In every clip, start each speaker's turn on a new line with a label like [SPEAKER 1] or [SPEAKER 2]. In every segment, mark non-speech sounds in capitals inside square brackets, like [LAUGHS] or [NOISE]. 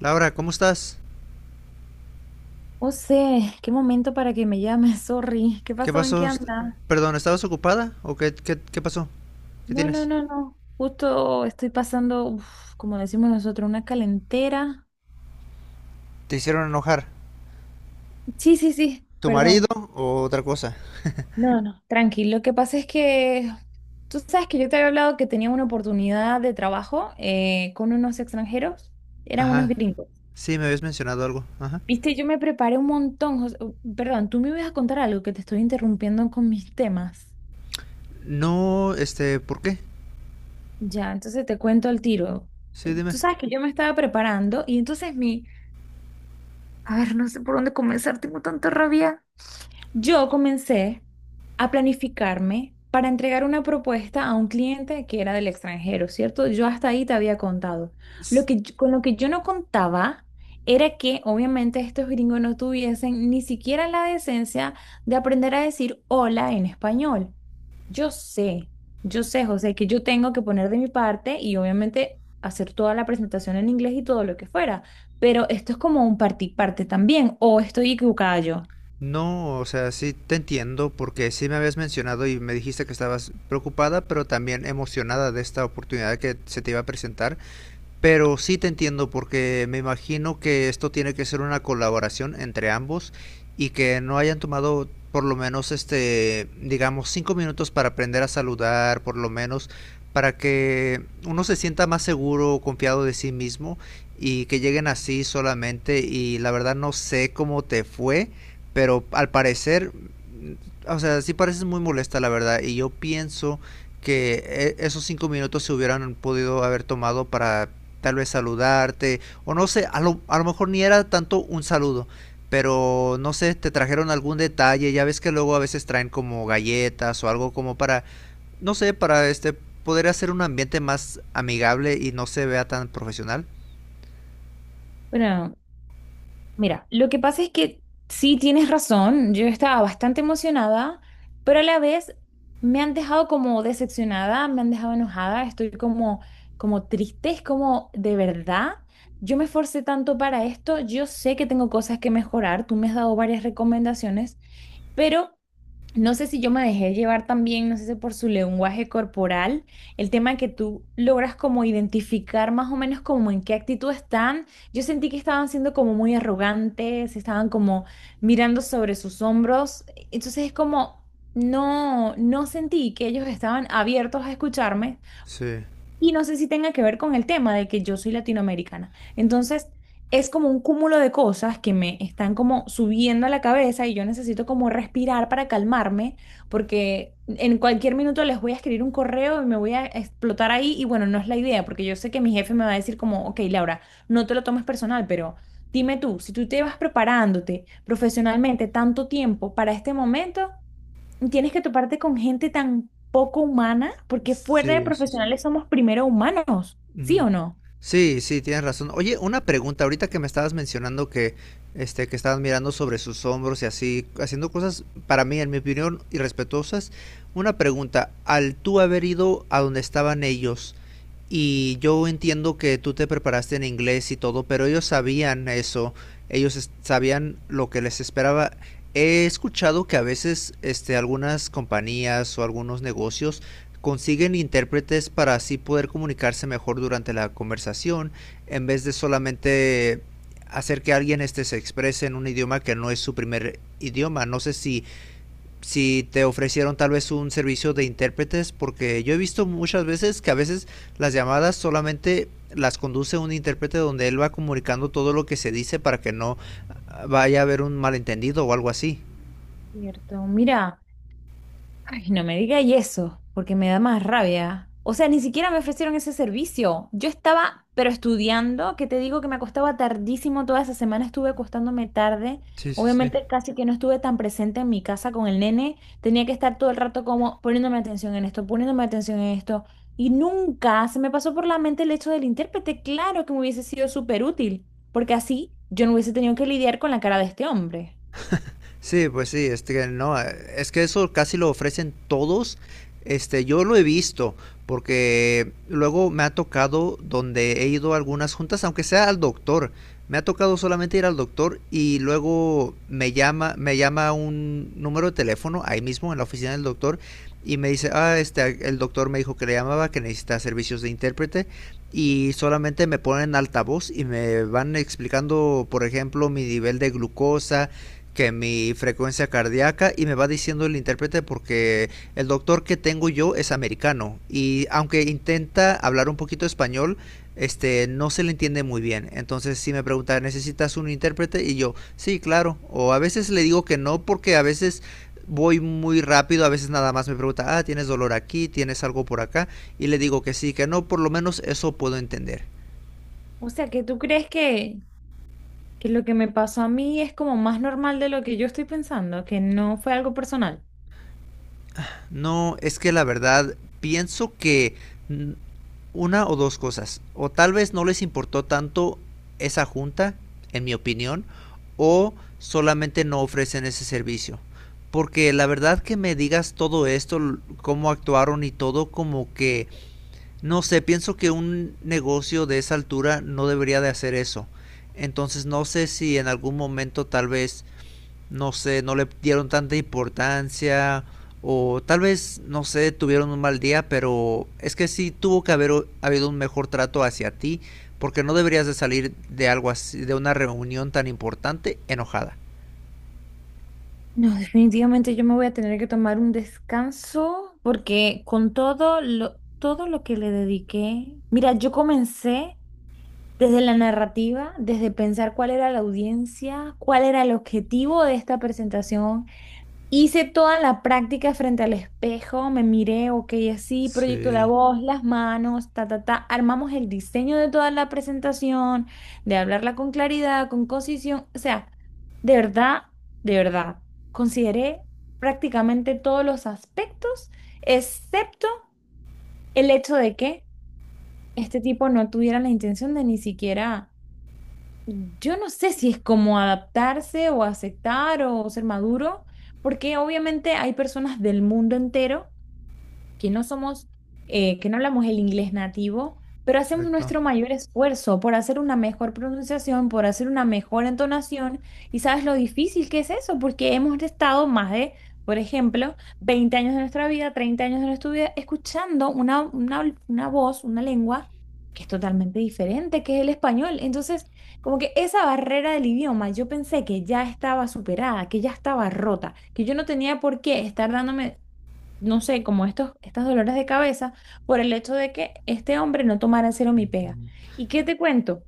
[SPEAKER 1] Laura, ¿cómo estás?
[SPEAKER 2] O sea, qué momento para que me llames, [LAUGHS] sorry. ¿Qué
[SPEAKER 1] ¿Qué
[SPEAKER 2] pasó? ¿En qué
[SPEAKER 1] pasó?
[SPEAKER 2] anda?
[SPEAKER 1] Perdón, ¿estabas ocupada? ¿O qué pasó? ¿Qué
[SPEAKER 2] No, no,
[SPEAKER 1] tienes?
[SPEAKER 2] no, no. Justo estoy pasando, uf, como decimos nosotros, una calentera.
[SPEAKER 1] ¿Te hicieron enojar?
[SPEAKER 2] Sí, sí, sí,
[SPEAKER 1] ¿Tu marido
[SPEAKER 2] perdón.
[SPEAKER 1] o otra cosa?
[SPEAKER 2] No, no, tranquilo. Lo que pasa es que tú sabes que yo te había hablado que tenía una oportunidad de trabajo con unos extranjeros. Eran unos
[SPEAKER 1] Ajá,
[SPEAKER 2] gringos.
[SPEAKER 1] sí, me habías mencionado algo. Ajá.
[SPEAKER 2] Viste, yo me preparé un montón. Perdón, tú me ibas a contar algo que te estoy interrumpiendo con mis temas.
[SPEAKER 1] No, este, ¿por qué?
[SPEAKER 2] Ya, entonces te cuento al tiro.
[SPEAKER 1] Sí, dime.
[SPEAKER 2] Tú sabes que yo me estaba preparando y entonces a ver, no sé por dónde comenzar, tengo tanta rabia. Yo comencé a planificarme para entregar una propuesta a un cliente que era del extranjero, ¿cierto? Yo hasta ahí te había contado.
[SPEAKER 1] S-
[SPEAKER 2] Con lo que yo no contaba era que obviamente estos gringos no tuviesen ni siquiera la decencia de aprender a decir hola en español. Yo sé, yo sé, José, que yo tengo que poner de mi parte y obviamente hacer toda la presentación en inglés y todo lo que fuera, pero esto es como un parte y parte también, o estoy equivocada yo.
[SPEAKER 1] No, o sea, sí te entiendo porque sí me habías mencionado y me dijiste que estabas preocupada, pero también emocionada de esta oportunidad que se te iba a presentar. Pero sí te entiendo porque me imagino que esto tiene que ser una colaboración entre ambos y que no hayan tomado por lo menos este, digamos, 5 minutos para aprender a saludar, por lo menos para que uno se sienta más seguro, confiado de sí mismo y que lleguen así solamente y la verdad no sé cómo te fue, pero al parecer, o sea, sí pareces muy molesta la verdad y yo pienso que esos 5 minutos se hubieran podido haber tomado para tal vez saludarte, o no sé, a lo mejor ni era tanto un saludo, pero no sé, te trajeron algún detalle, ya ves que luego a veces traen como galletas o algo como para, no sé, para este poder hacer un ambiente más amigable y no se vea tan profesional.
[SPEAKER 2] Bueno, mira, lo que pasa es que sí tienes razón, yo estaba bastante emocionada, pero a la vez me han dejado como decepcionada, me han dejado enojada, estoy como, como triste, es como de verdad, yo me esforcé tanto para esto, yo sé que tengo cosas que mejorar, tú me has dado varias recomendaciones, pero no sé si yo me dejé llevar también, no sé si por su lenguaje corporal, el tema de que tú logras como identificar más o menos como en qué actitud están. Yo sentí que estaban siendo como muy arrogantes, estaban como mirando sobre sus hombros. Entonces es como, no, no sentí que ellos estaban abiertos a escucharme,
[SPEAKER 1] Sí.
[SPEAKER 2] y no sé si tenga que ver con el tema de que yo soy latinoamericana. Entonces, es como un cúmulo de cosas que me están como subiendo a la cabeza y yo necesito como respirar para calmarme, porque en cualquier minuto les voy a escribir un correo y me voy a explotar ahí. Y bueno, no es la idea, porque yo sé que mi jefe me va a decir como, ok, Laura, no te lo tomes personal, pero dime tú, si tú te vas preparándote profesionalmente tanto tiempo para este momento tienes que toparte con gente tan poco humana, porque fuera de
[SPEAKER 1] Sí, sí, sí.
[SPEAKER 2] profesionales somos primero humanos, ¿sí
[SPEAKER 1] Ujú.
[SPEAKER 2] o no?
[SPEAKER 1] Sí, sí, tienes razón. Oye, una pregunta, ahorita que me estabas mencionando que, este, que estabas mirando sobre sus hombros y así, haciendo cosas, para mí, en mi opinión, irrespetuosas. Una pregunta, al tú haber ido a donde estaban ellos, y yo entiendo que tú te preparaste en inglés y todo, pero ellos sabían eso, ellos sabían lo que les esperaba. He escuchado que a veces este, algunas compañías o algunos negocios consiguen intérpretes para así poder comunicarse mejor durante la conversación, en vez de solamente hacer que alguien este, se exprese en un idioma que no es su primer idioma. No sé si te ofrecieron tal vez un servicio de intérpretes, porque yo he visto muchas veces que a veces las llamadas solamente las conduce un intérprete donde él va comunicando todo lo que se dice para que no vaya a haber un malentendido o algo así.
[SPEAKER 2] Cierto, mira. Ay, no me digáis eso, porque me da más rabia. O sea, ni siquiera me ofrecieron ese servicio. Yo estaba, pero estudiando, que te digo que me acostaba tardísimo, toda esa semana estuve acostándome tarde.
[SPEAKER 1] Sí, sí, sí.
[SPEAKER 2] Obviamente casi que no estuve tan presente en mi casa con el nene. Tenía que estar todo el rato como poniéndome atención en esto, poniéndome atención en esto. Y nunca se me pasó por la mente el hecho del intérprete. Claro que me hubiese sido súper útil, porque así yo no hubiese tenido que lidiar con la cara de este hombre.
[SPEAKER 1] Sí, pues sí, es que no, es que eso casi lo ofrecen todos. Este, yo lo he visto, porque luego me ha tocado donde he ido a algunas juntas, aunque sea al doctor. Me ha tocado solamente ir al doctor y luego me llama un número de teléfono ahí mismo en la oficina del doctor y me dice, ah, este, el doctor me dijo que le llamaba, que necesita servicios de intérprete y solamente me ponen altavoz y me van explicando, por ejemplo, mi nivel de glucosa, que mi frecuencia cardíaca y me va diciendo el intérprete porque el doctor que tengo yo es americano y aunque intenta hablar un poquito español, este no se le entiende muy bien. Entonces si me pregunta, ¿necesitas un intérprete? Y yo, sí, claro. O a veces le digo que no porque a veces voy muy rápido, a veces nada más me pregunta, ah, ¿tienes dolor aquí? ¿Tienes algo por acá? Y le digo que sí, que no, por lo menos eso puedo entender.
[SPEAKER 2] O sea, que tú crees que lo que me pasó a mí es como más normal de lo que yo estoy pensando, que no fue algo personal.
[SPEAKER 1] No, es que la verdad pienso que una o dos cosas. O tal vez no les importó tanto esa junta, en mi opinión, o solamente no ofrecen ese servicio. Porque la verdad que me digas todo esto, cómo actuaron y todo, como que, no sé, pienso que un negocio de esa altura no debería de hacer eso. Entonces no sé si en algún momento tal vez no sé, no le dieron tanta importancia o tal vez, no sé, tuvieron un mal día, pero es que sí tuvo que haber habido un mejor trato hacia ti, porque no deberías de salir de algo así, de una reunión tan importante enojada.
[SPEAKER 2] No, definitivamente yo me voy a tener que tomar un descanso porque con todo lo que le dediqué, mira, yo comencé desde la narrativa, desde pensar cuál era la audiencia, cuál era el objetivo de esta presentación. Hice toda la práctica frente al espejo, me miré, ok, así, proyecto la
[SPEAKER 1] Sí,
[SPEAKER 2] voz, las manos, ta, ta, ta. Armamos el diseño de toda la presentación, de hablarla con claridad, con concisión. O sea, de verdad, de verdad, consideré prácticamente todos los aspectos, excepto el hecho de que este tipo no tuviera la intención de ni siquiera, yo no sé si es como adaptarse o aceptar o ser maduro, porque obviamente hay personas del mundo entero que no somos, que no hablamos el inglés nativo, pero hacemos
[SPEAKER 1] exacto.
[SPEAKER 2] nuestro mayor esfuerzo por hacer una mejor pronunciación, por hacer una mejor entonación. Y sabes lo difícil que es eso, porque hemos estado más de, por ejemplo, 20 años de nuestra vida, 30 años de nuestra vida, escuchando una voz, una lengua que es totalmente diferente, que es el español. Entonces, como que esa barrera del idioma, yo pensé que ya estaba superada, que ya estaba rota, que yo no tenía por qué estar dándome no sé, como estas dolores de cabeza por el hecho de que este hombre no tomara en serio mi pega.
[SPEAKER 1] Ujú.
[SPEAKER 2] ¿Y qué te cuento?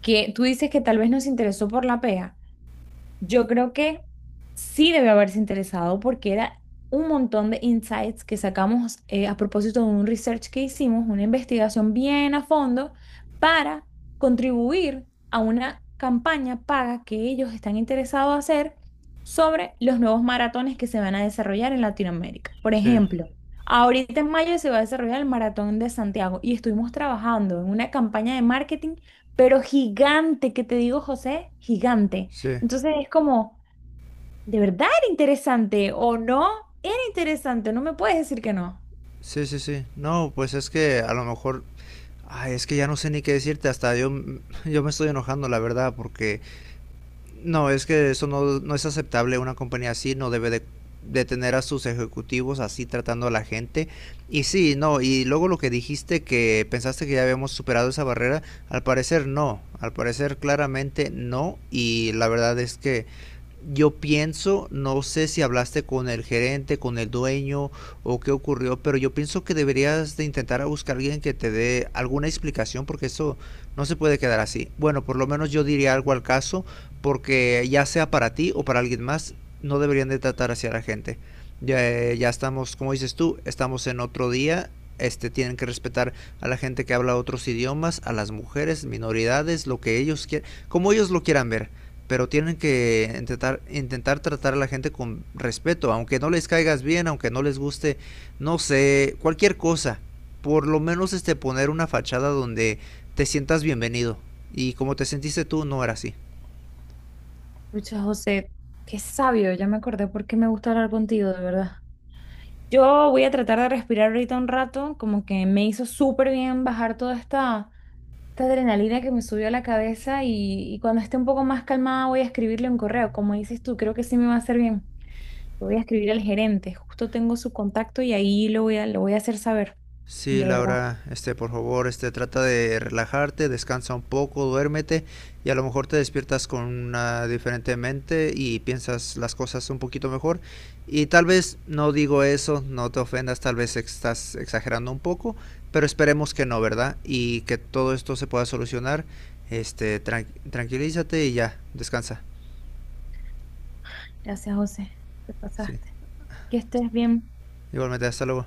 [SPEAKER 2] Que tú dices que tal vez no se interesó por la pega. Yo creo que sí debe haberse interesado porque era un montón de insights que sacamos a propósito de un research que hicimos, una investigación bien a fondo para contribuir a una campaña paga que ellos están interesados a hacer sobre los nuevos maratones que se van a desarrollar en Latinoamérica. Por
[SPEAKER 1] Sí,
[SPEAKER 2] ejemplo, ahorita en mayo se va a desarrollar el Maratón de Santiago y estuvimos trabajando en una campaña de marketing, pero gigante, que te digo, José, gigante,
[SPEAKER 1] sí,
[SPEAKER 2] entonces es como, ¿de verdad era interesante o no? Era interesante, no me puedes decir que no.
[SPEAKER 1] sí, sí, sí. No, pues es que a lo mejor, ay, es que ya no sé ni qué decirte, hasta yo, [LAUGHS] yo me estoy enojando, la verdad, porque no, es que eso no, no es aceptable. Una compañía así no debe de, tener a sus ejecutivos así tratando a la gente. Y sí, no, y luego lo que dijiste que pensaste que ya habíamos superado esa barrera, al parecer no, al parecer claramente no. Y la verdad es que yo pienso, no sé si hablaste con el gerente, con el dueño o qué ocurrió, pero yo pienso que deberías de intentar a buscar a alguien que te dé alguna explicación porque eso no se puede quedar así. Bueno, por lo menos yo diría algo al caso porque ya sea para ti o para alguien más, no deberían de tratar así a la gente. Ya, ya estamos, como dices tú, estamos en otro día. Este, tienen que respetar a la gente que habla otros idiomas, a las mujeres, minoridades, lo que ellos quieran, como ellos lo quieran ver pero tienen que intentar, intentar tratar a la gente con respeto, aunque no les caigas bien, aunque no les guste, no sé, cualquier cosa. Por lo menos este poner una fachada donde te sientas bienvenido. Y como te sentiste tú, no era así.
[SPEAKER 2] Pucha, José, qué sabio, ya me acordé por qué me gusta hablar contigo, de verdad. Yo voy a tratar de respirar ahorita un rato, como que me hizo súper bien bajar toda esta, esta adrenalina que me subió a la cabeza y cuando esté un poco más calmada voy a escribirle un correo, como dices tú, creo que sí me va a hacer bien. Lo voy a escribir al gerente, justo tengo su contacto y ahí lo voy a hacer saber,
[SPEAKER 1] Sí,
[SPEAKER 2] de verdad.
[SPEAKER 1] Laura, este, por favor, este, trata de relajarte, descansa un poco, duérmete y a lo mejor te despiertas con una diferente mente y piensas las cosas un poquito mejor. Y tal vez no digo eso, no te ofendas, tal vez estás exagerando un poco, pero esperemos que no, ¿verdad? Y que todo esto se pueda solucionar. Este, tranquilízate y ya, descansa.
[SPEAKER 2] Gracias, José, te
[SPEAKER 1] Sí.
[SPEAKER 2] pasaste. Que estés bien.
[SPEAKER 1] Igualmente, hasta luego.